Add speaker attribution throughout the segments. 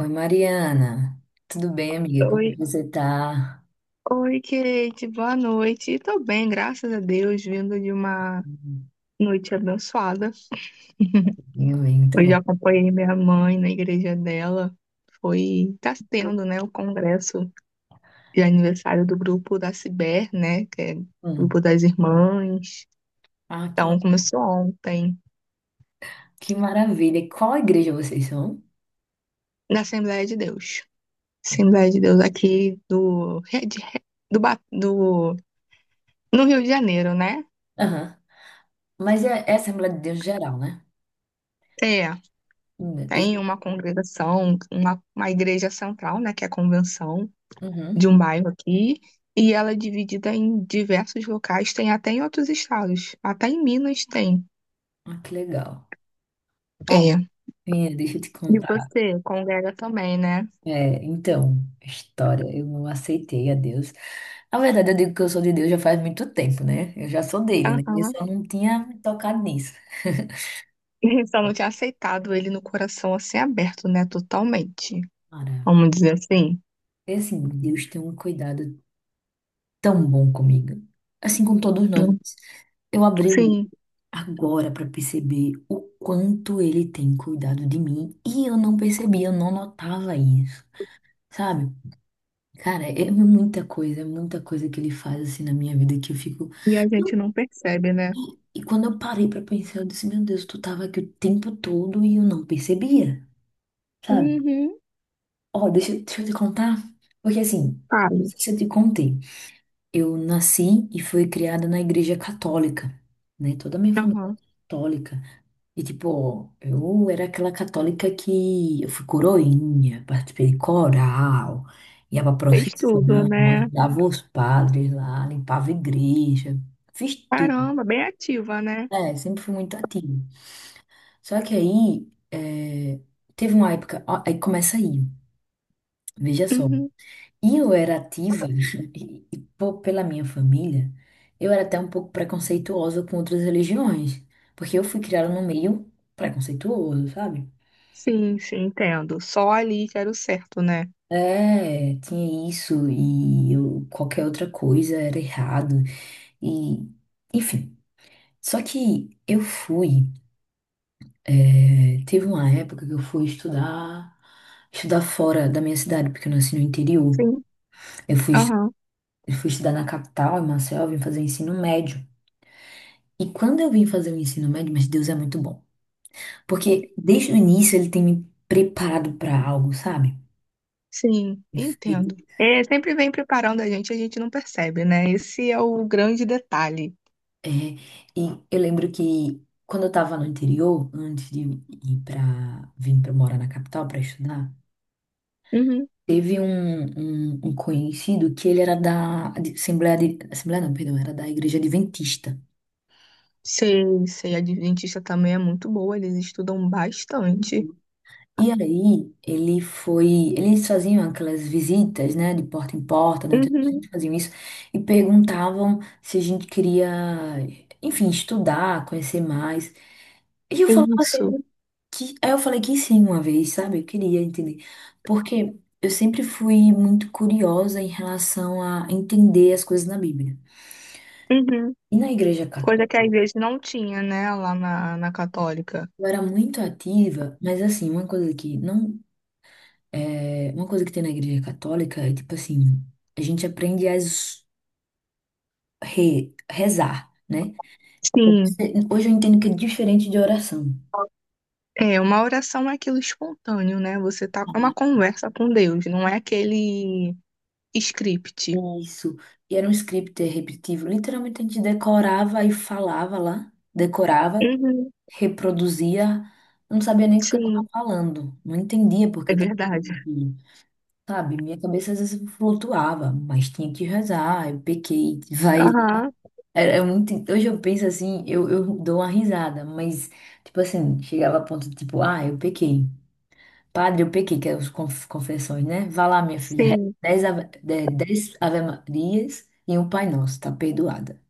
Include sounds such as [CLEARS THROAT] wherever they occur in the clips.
Speaker 1: Oi, Mariana. Tudo bem, amiga? Como
Speaker 2: Oi,
Speaker 1: é que você tá?
Speaker 2: oi, Kate, boa noite. Tô bem, graças a Deus, vindo de uma
Speaker 1: Hum.
Speaker 2: noite abençoada.
Speaker 1: Eu bem, muito
Speaker 2: Hoje
Speaker 1: bom.
Speaker 2: eu acompanhei minha mãe na igreja dela. Foi, tá tendo, né, o congresso de aniversário do grupo da Ciber, né, que é o
Speaker 1: Hum.
Speaker 2: grupo das irmãs.
Speaker 1: Ah,
Speaker 2: Então, começou ontem,
Speaker 1: que maravilha. E qual igreja vocês são?
Speaker 2: na Assembleia de Deus. Assembleia de Deus aqui do, de- do, Ba- do, no Rio de Janeiro, né?
Speaker 1: Aham. Mas é Assembleia de Deus geral, né?
Speaker 2: É.
Speaker 1: Hum. Deixa.
Speaker 2: Tem uma congregação, uma igreja central, né, que é a convenção de
Speaker 1: Uhum.
Speaker 2: um bairro aqui, e ela é dividida em diversos locais, tem até em outros estados, até em Minas tem.
Speaker 1: Ah, que legal. Ó,
Speaker 2: É.
Speaker 1: menina, deixa eu te
Speaker 2: E
Speaker 1: contar.
Speaker 2: você congrega também, né?
Speaker 1: É, então, história, eu não aceitei a Deus. Na verdade, eu digo que eu sou de Deus já faz muito tempo, né? Eu já sou dele, né? Eu
Speaker 2: Aham.
Speaker 1: só não tinha me tocado nisso. [LAUGHS]
Speaker 2: [LAUGHS] Só não tinha aceitado ele no coração assim aberto, né? Totalmente.
Speaker 1: Cara,
Speaker 2: Vamos dizer assim.
Speaker 1: é assim, Deus tem um cuidado tão bom comigo. Assim, com todos nós.
Speaker 2: Não-
Speaker 1: Eu abri o-
Speaker 2: Sim.
Speaker 1: Agora para perceber o quanto ele tem cuidado de mim e eu não percebia, eu não notava isso, sabe? Cara, é muita coisa que ele faz assim na minha vida que eu fico.
Speaker 2: E a gente
Speaker 1: E
Speaker 2: não percebe, né?
Speaker 1: e quando eu parei para pensar, eu disse: Meu Deus, tu tava aqui o tempo todo e eu não percebia, sabe?
Speaker 2: Uhum.
Speaker 1: Ó, deixa eu te contar, porque assim, não
Speaker 2: Sabe?
Speaker 1: sei se eu te contei. Eu nasci e fui criada na igreja católica, né? Toda a minha família
Speaker 2: Aham.
Speaker 1: é católica. E, tipo, eu era aquela católica que eu fui coroinha, participei de coral, ia pra
Speaker 2: Fez
Speaker 1: procissão,
Speaker 2: tudo, né?
Speaker 1: ajudava os padres lá, limpava a igreja, fiz tudo,
Speaker 2: Caramba, bem ativa, né?
Speaker 1: né? Sempre fui muito ativa. Só que aí, teve uma época, ó, aí começa aí, veja só.
Speaker 2: Uhum.
Speaker 1: E eu era ativa, [LAUGHS] pela minha família, eu era até um pouco preconceituosa com outras religiões, porque eu fui criada num meio preconceituoso, sabe?
Speaker 2: Sim, sim, entendo. Só ali que era o certo, né?
Speaker 1: É, tinha isso, e qualquer outra coisa era errado, e enfim. Só que teve uma época que eu fui estudar fora da minha cidade, porque eu nasci no interior.
Speaker 2: Sim.
Speaker 1: Eu fui, estu-
Speaker 2: Aham,
Speaker 1: eu fui estudar na capital, em Maceió, eu vim fazer ensino médio. E quando eu vim fazer o ensino médio, mas Deus é muito bom. Porque desde o início ele tem me preparado para algo, sabe?
Speaker 2: sim,
Speaker 1: Perfeito.
Speaker 2: entendo. É, sempre vem preparando a gente não percebe, né? Esse é o grande detalhe.
Speaker 1: É, e eu lembro que quando eu estava no interior, antes de ir para vir para morar na capital para estudar,
Speaker 2: Uhum.
Speaker 1: teve um conhecido que ele era da Assembleia de, Assembleia não, perdão, era da Igreja Adventista.
Speaker 2: Sei, sei, a Adventista também é muito boa, eles estudam bastante.
Speaker 1: E aí, ele foi. Eles faziam aquelas visitas, né, de porta em porta, né? Então,
Speaker 2: Uhum.
Speaker 1: eles faziam isso e perguntavam se a gente queria, enfim, estudar, conhecer mais. E eu falava
Speaker 2: Isso.
Speaker 1: sempre que. Aí eu falei que sim, uma vez, sabe? Eu queria entender. Porque eu sempre fui muito curiosa em relação a entender as coisas na Bíblia.
Speaker 2: Uhum.
Speaker 1: E na Igreja
Speaker 2: Coisa que
Speaker 1: Católica,
Speaker 2: às vezes não tinha, né, lá na católica.
Speaker 1: eu era muito ativa, mas assim, uma coisa que não. É, uma coisa que tem na igreja católica é tipo assim, a gente aprende a rezar, né?
Speaker 2: Sim,
Speaker 1: Hoje eu entendo que é diferente de oração.
Speaker 2: é, uma oração é aquilo espontâneo, né? Você tá com uma conversa com Deus, não é aquele script.
Speaker 1: Isso. E era um script repetitivo. Literalmente a gente decorava e falava lá, decorava,
Speaker 2: Uhum.
Speaker 1: reproduzia. Eu não sabia nem o que eu
Speaker 2: Sim,
Speaker 1: estava falando. Não entendia porque
Speaker 2: é
Speaker 1: eu estava
Speaker 2: verdade.
Speaker 1: falando aquilo. Sabe, minha cabeça às vezes flutuava, mas tinha que rezar. Eu pequei, vai.
Speaker 2: Aham,
Speaker 1: Era é muito, hoje eu penso assim, eu dou uma risada, mas, tipo assim, chegava a ponto de tipo, ah, eu pequei. Padre, eu pequei, que é os confessões, né? Vá lá, minha filha, reza
Speaker 2: sim,
Speaker 1: dez Ave Marias e um Pai Nosso, tá perdoada.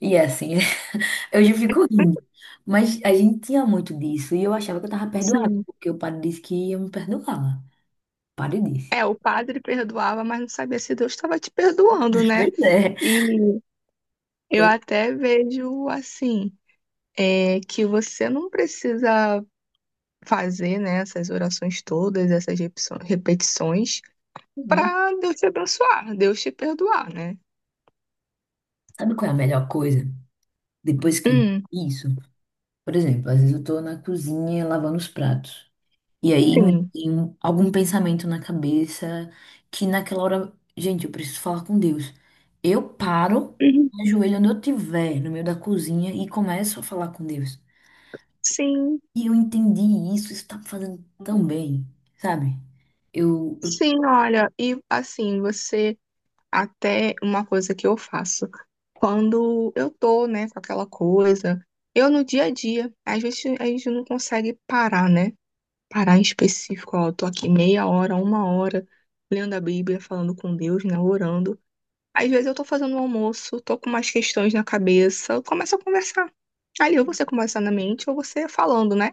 Speaker 1: E é assim, [LAUGHS] eu já fico rindo. Mas a gente tinha muito disso e eu achava que eu tava perdoada,
Speaker 2: sim.
Speaker 1: porque o padre disse que ia me perdoar. O padre disse.
Speaker 2: É, o
Speaker 1: [LAUGHS]
Speaker 2: padre perdoava, mas não sabia se Deus estava te perdoando, né?
Speaker 1: Pois é.
Speaker 2: E eu
Speaker 1: Pois,
Speaker 2: até vejo assim, é, que você não precisa fazer, né, essas orações todas, essas repetições,
Speaker 1: é.
Speaker 2: para Deus te abençoar, Deus te perdoar, né?
Speaker 1: Sabe qual é a melhor coisa? Depois que eu entendi
Speaker 2: Hum,
Speaker 1: isso. Por exemplo, às vezes eu tô na cozinha lavando os pratos. E aí me
Speaker 2: sim.
Speaker 1: tem algum pensamento na cabeça que naquela hora, gente, eu preciso falar com Deus. Eu paro,
Speaker 2: Uhum.
Speaker 1: me ajoelho onde eu estiver, no meio da cozinha, e começo a falar com Deus.
Speaker 2: Sim,
Speaker 1: E eu entendi isso, isso tá me fazendo tão bem, sabe? Eu, eu,
Speaker 2: sim, olha, e assim, você. Até uma coisa que eu faço quando eu tô, né, com aquela coisa, eu no dia a dia, às vezes a gente não consegue parar, né? Parar em específico, ó, eu tô aqui meia hora, uma hora, lendo a Bíblia, falando com Deus, né, orando. Às vezes eu tô fazendo um almoço, tô com umas questões na cabeça, eu começo a conversar. Ali, ou você conversando na mente, ou você falando, né?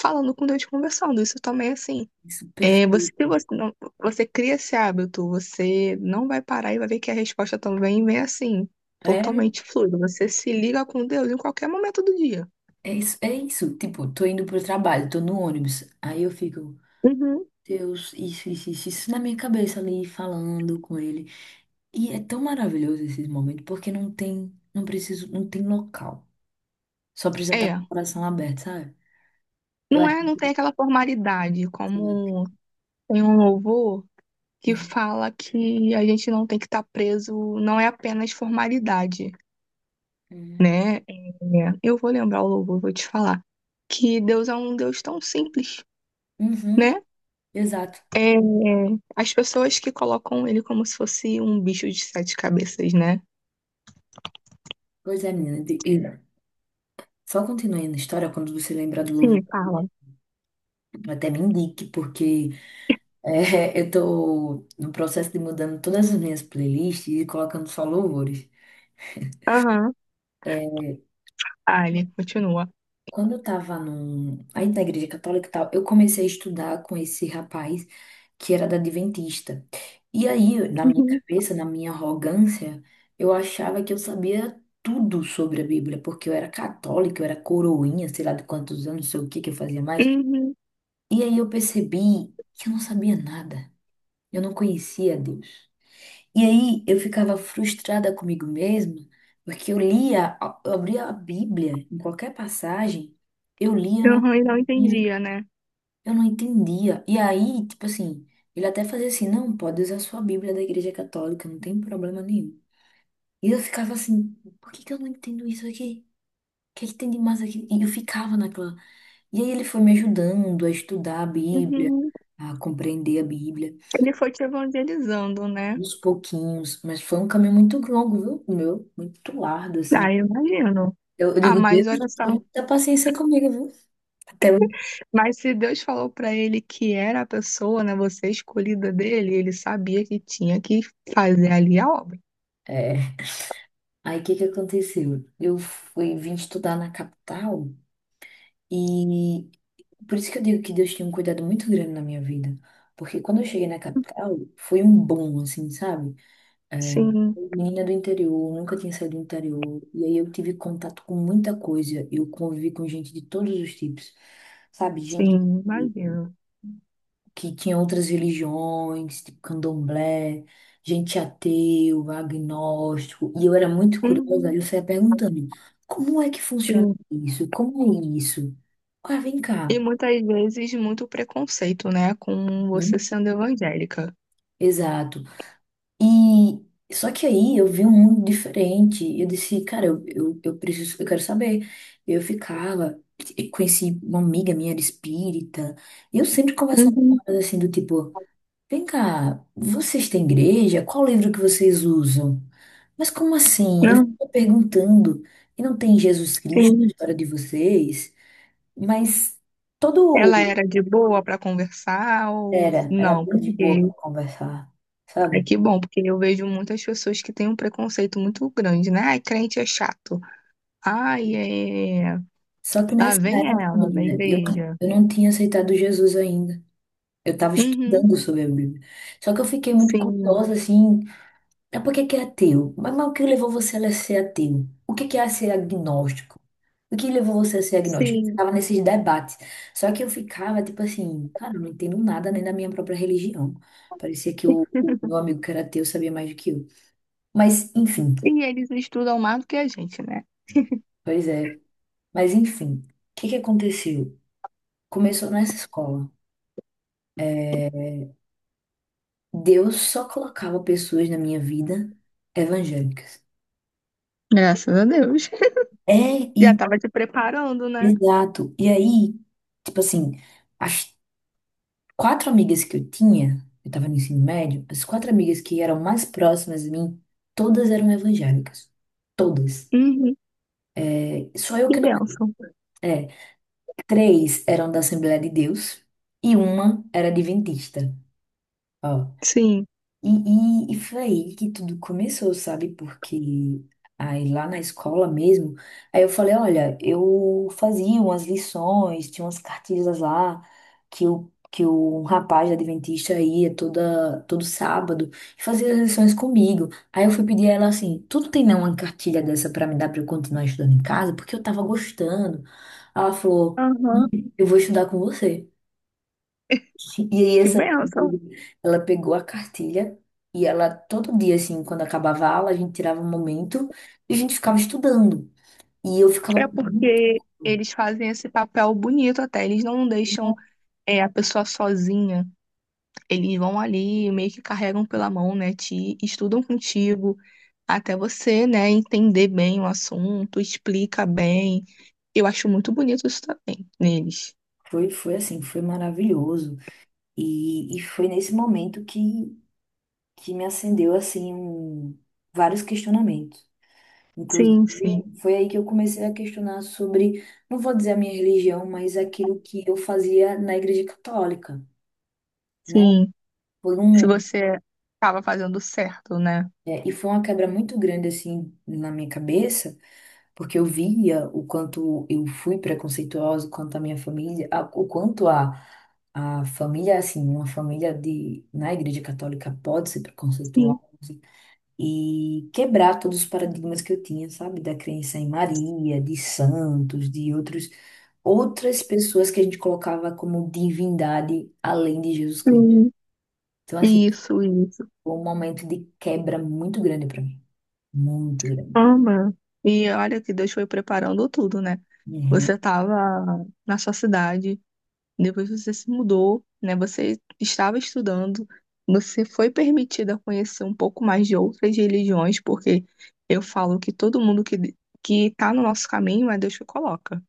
Speaker 2: Falando com Deus, conversando. Isso também, é, assim,
Speaker 1: isso é
Speaker 2: é, você, se
Speaker 1: perfeito.
Speaker 2: você, não, você cria esse hábito, você não vai parar e vai ver que a resposta também vem assim,
Speaker 1: É,
Speaker 2: totalmente fluida. Você se liga com Deus em qualquer momento do dia.
Speaker 1: é isso, é isso. Tipo, tô indo pro trabalho, tô no ônibus. Aí eu fico,
Speaker 2: Uhum.
Speaker 1: Deus, isso na minha cabeça ali, falando com ele. E é tão maravilhoso esses momentos, porque não tem, não preciso, não tem local. Só precisa estar com o
Speaker 2: É.
Speaker 1: coração aberto, sabe? Eu
Speaker 2: Não
Speaker 1: acho
Speaker 2: é, não tem
Speaker 1: que.
Speaker 2: aquela formalidade,
Speaker 1: Uhum.
Speaker 2: como tem um louvor que fala que a gente não tem que estar preso, não é apenas formalidade,
Speaker 1: Uhum.
Speaker 2: né? É, eu vou lembrar o louvor, vou te falar, que Deus é um Deus tão simples,
Speaker 1: Uhum.
Speaker 2: né?
Speaker 1: Exato.
Speaker 2: É, as pessoas que colocam ele como se fosse um bicho de sete cabeças, né?
Speaker 1: Pois é, menina. Só continuando a história, quando você lembrar do louvor,
Speaker 2: Sim, fala.
Speaker 1: até me indique, porque é, [LAUGHS] eu tô no processo de mudando todas as minhas playlists e colocando só louvores.
Speaker 2: Aham.
Speaker 1: É,
Speaker 2: Ah, ele continua.
Speaker 1: quando eu tava aí na igreja católica e tal, eu comecei a estudar com esse rapaz que era da Adventista. E aí, na minha
Speaker 2: Uhum.
Speaker 1: cabeça, na minha arrogância, eu achava que eu sabia tudo sobre a Bíblia, porque eu era católica, eu era coroinha, sei lá de quantos anos, não sei o que que eu fazia mais.
Speaker 2: Uhum.
Speaker 1: E aí eu percebi que eu não sabia nada. Eu não conhecia Deus. E aí eu ficava frustrada comigo mesma, porque eu lia, eu abria a Bíblia em qualquer passagem, eu lia.
Speaker 2: Uhum, e não
Speaker 1: Sim.
Speaker 2: entendia, né?
Speaker 1: Eu não entendia. E aí, tipo assim, ele até fazia assim, não, pode usar sua Bíblia da Igreja Católica, não tem problema nenhum. E eu ficava assim, por que que eu não entendo isso aqui? O que é que tem de mais aqui? E eu ficava naquela. E aí ele foi me ajudando a estudar a Bíblia,
Speaker 2: Uhum.
Speaker 1: a compreender a Bíblia,
Speaker 2: Ele foi te evangelizando, né?
Speaker 1: aos pouquinhos. Mas foi um caminho muito longo, viu? O meu, muito largo, assim.
Speaker 2: Ah, eu imagino.
Speaker 1: Eu
Speaker 2: Ah,
Speaker 1: digo,
Speaker 2: mas
Speaker 1: Deus,
Speaker 2: olha só.
Speaker 1: tenha paciência comigo, viu? Até.
Speaker 2: Mas se Deus falou pra ele que era a pessoa, né? Você escolhida dele, ele sabia que tinha que fazer ali a obra.
Speaker 1: É. Aí o que que aconteceu? Eu fui vim estudar na capital. E por isso que eu digo que Deus tinha um cuidado muito grande na minha vida. Porque quando eu cheguei na capital, foi um boom, assim, sabe? É,
Speaker 2: Sim,
Speaker 1: menina do interior, nunca tinha saído do interior. E aí eu tive contato com muita coisa. Eu convivi com gente de todos os tipos, sabe? Gente
Speaker 2: sim,
Speaker 1: que,
Speaker 2: imagino.
Speaker 1: que tinha outras religiões, tipo candomblé, gente ateu, agnóstico. E eu era muito curiosa, aí
Speaker 2: Uhum.
Speaker 1: eu saía perguntando: como é que funciona
Speaker 2: Sim.
Speaker 1: isso? Como é isso? Ah, vem
Speaker 2: E
Speaker 1: cá,
Speaker 2: muitas vezes muito preconceito, né, com
Speaker 1: né?
Speaker 2: você sendo evangélica.
Speaker 1: Exato. E só que aí eu vi um mundo diferente. Eu disse, cara, eu preciso, eu quero saber. Eu ficava, e conheci uma amiga minha era espírita. E eu sempre conversava com
Speaker 2: Uhum.
Speaker 1: ela assim do tipo, vem cá, vocês têm igreja? Qual livro que vocês usam? Mas como assim? Eu
Speaker 2: Não,
Speaker 1: fico perguntando, e não tem Jesus Cristo na
Speaker 2: sim.
Speaker 1: história de vocês? Mas todo
Speaker 2: Ela era de boa para conversar ou
Speaker 1: era
Speaker 2: não?
Speaker 1: bem de boa
Speaker 2: Porque
Speaker 1: para conversar,
Speaker 2: é
Speaker 1: sabe?
Speaker 2: que bom, porque eu vejo muitas pessoas que têm um preconceito muito grande, né? Ai, crente é chato. Ai, é.
Speaker 1: Só que
Speaker 2: Lá
Speaker 1: nessa
Speaker 2: vem
Speaker 1: época,
Speaker 2: ela da
Speaker 1: menina, eu,
Speaker 2: igreja.
Speaker 1: eu não tinha aceitado Jesus ainda. Eu estava
Speaker 2: Uhum,
Speaker 1: estudando sobre a Bíblia. Só que eu fiquei muito
Speaker 2: sim,
Speaker 1: curiosa, assim, é por que que é ateu? Mas o que levou você a ser ateu? O que que é ser agnóstico? O que levou você a ser agnóstico? Eu
Speaker 2: sim.
Speaker 1: ficava nesses debates. Só que eu ficava, tipo assim, cara, eu não entendo nada nem da minha própria religião. Parecia que o meu amigo que era ateu sabia mais do que eu. Mas, enfim,
Speaker 2: E eles estudam mais do que a gente, né?
Speaker 1: pois é. Mas, enfim, o que que aconteceu? Começou nessa escola. Deus só colocava pessoas na minha vida evangélicas.
Speaker 2: Graças a Deus. [LAUGHS]
Speaker 1: É,
Speaker 2: Já
Speaker 1: e
Speaker 2: estava te preparando, né?
Speaker 1: exato. E aí, tipo assim, as quatro amigas que eu tinha, eu tava no ensino médio, as quatro amigas que eram mais próximas de mim, todas eram evangélicas. Todas.
Speaker 2: Uhum,
Speaker 1: É, só eu
Speaker 2: que
Speaker 1: que não.
Speaker 2: bênção.
Speaker 1: É, três eram da Assembleia de Deus e uma era adventista. Ó.
Speaker 2: Sim.
Speaker 1: E foi aí que tudo começou, sabe? Porque aí lá na escola mesmo, aí eu falei, olha, eu fazia umas lições, tinha umas cartilhas lá que o rapaz adventista ia toda todo sábado e fazia as lições comigo. Aí eu fui pedir a ela assim, tu não tem não uma cartilha dessa pra me dar pra eu continuar estudando em casa? Porque eu tava gostando. Ela falou, "Não,
Speaker 2: Aham.
Speaker 1: eu vou estudar com você." E aí
Speaker 2: Que
Speaker 1: essa minha
Speaker 2: bênção.
Speaker 1: amiga, ela pegou a cartilha e ela todo dia assim, quando acabava a aula, a gente tirava um momento e a gente ficava estudando. E eu ficava
Speaker 2: É
Speaker 1: perguntando.
Speaker 2: porque eles fazem esse papel bonito até. Eles não deixam é, a pessoa sozinha. Eles vão ali, meio que carregam pela mão, né? Te estudam contigo até você, né, entender bem o assunto, explica bem. Eu acho muito bonito isso também neles.
Speaker 1: Foi assim, foi maravilhoso. E foi nesse momento que me acendeu assim vários questionamentos. Inclusive,
Speaker 2: Sim, sim,
Speaker 1: foi aí que eu comecei a questionar sobre, não vou dizer a minha religião, mas aquilo que eu fazia na igreja católica, né?
Speaker 2: sim.
Speaker 1: Por
Speaker 2: Se
Speaker 1: um
Speaker 2: você estava fazendo certo, né?
Speaker 1: É, e foi uma quebra muito grande, assim, na minha cabeça, porque eu via o quanto eu fui preconceituosa, o quanto a minha família, o quanto a família, assim, uma família de, na Igreja Católica pode ser preconceituosa,
Speaker 2: Sim,
Speaker 1: e quebrar todos os paradigmas que eu tinha, sabe? Da crença em Maria, de santos, de outros, outras pessoas que a gente colocava como divindade além de Jesus Cristo.
Speaker 2: sim.
Speaker 1: Então, assim,
Speaker 2: Isso, isso.
Speaker 1: foi um momento de quebra muito grande para mim, muito grande.
Speaker 2: Ama. E olha que Deus foi preparando tudo, né?
Speaker 1: Uhum.
Speaker 2: Você estava na sua cidade, depois você se mudou, né? Você estava estudando, você foi permitida conhecer um pouco mais de outras religiões, porque eu falo que todo mundo que está no nosso caminho é Deus que coloca.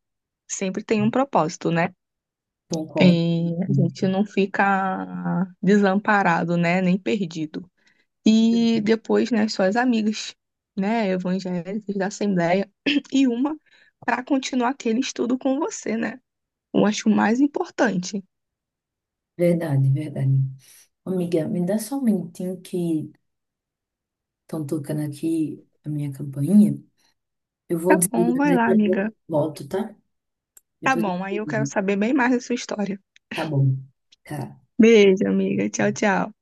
Speaker 2: Sempre tem um propósito, né?
Speaker 1: Concordo.
Speaker 2: E a gente
Speaker 1: Uhum.
Speaker 2: não fica desamparado, né? Nem perdido. E depois, né, suas amigas, né, evangélicas da Assembleia, [CLEARS THROAT] e uma para continuar aquele estudo com você, né? Eu acho o mais importante.
Speaker 1: Verdade, verdade. Amiga, me dá só um minutinho que estão tocando aqui a minha campainha. Eu vou
Speaker 2: Tá bom,
Speaker 1: desligar
Speaker 2: vai lá,
Speaker 1: daqui a
Speaker 2: amiga.
Speaker 1: pouco, volto, tá?
Speaker 2: Tá
Speaker 1: Depois eu
Speaker 2: bom, aí
Speaker 1: te
Speaker 2: eu quero
Speaker 1: ligo.
Speaker 2: saber bem mais da sua história.
Speaker 1: Tá bom. Tá.
Speaker 2: Beijo, amiga. Tchau, tchau.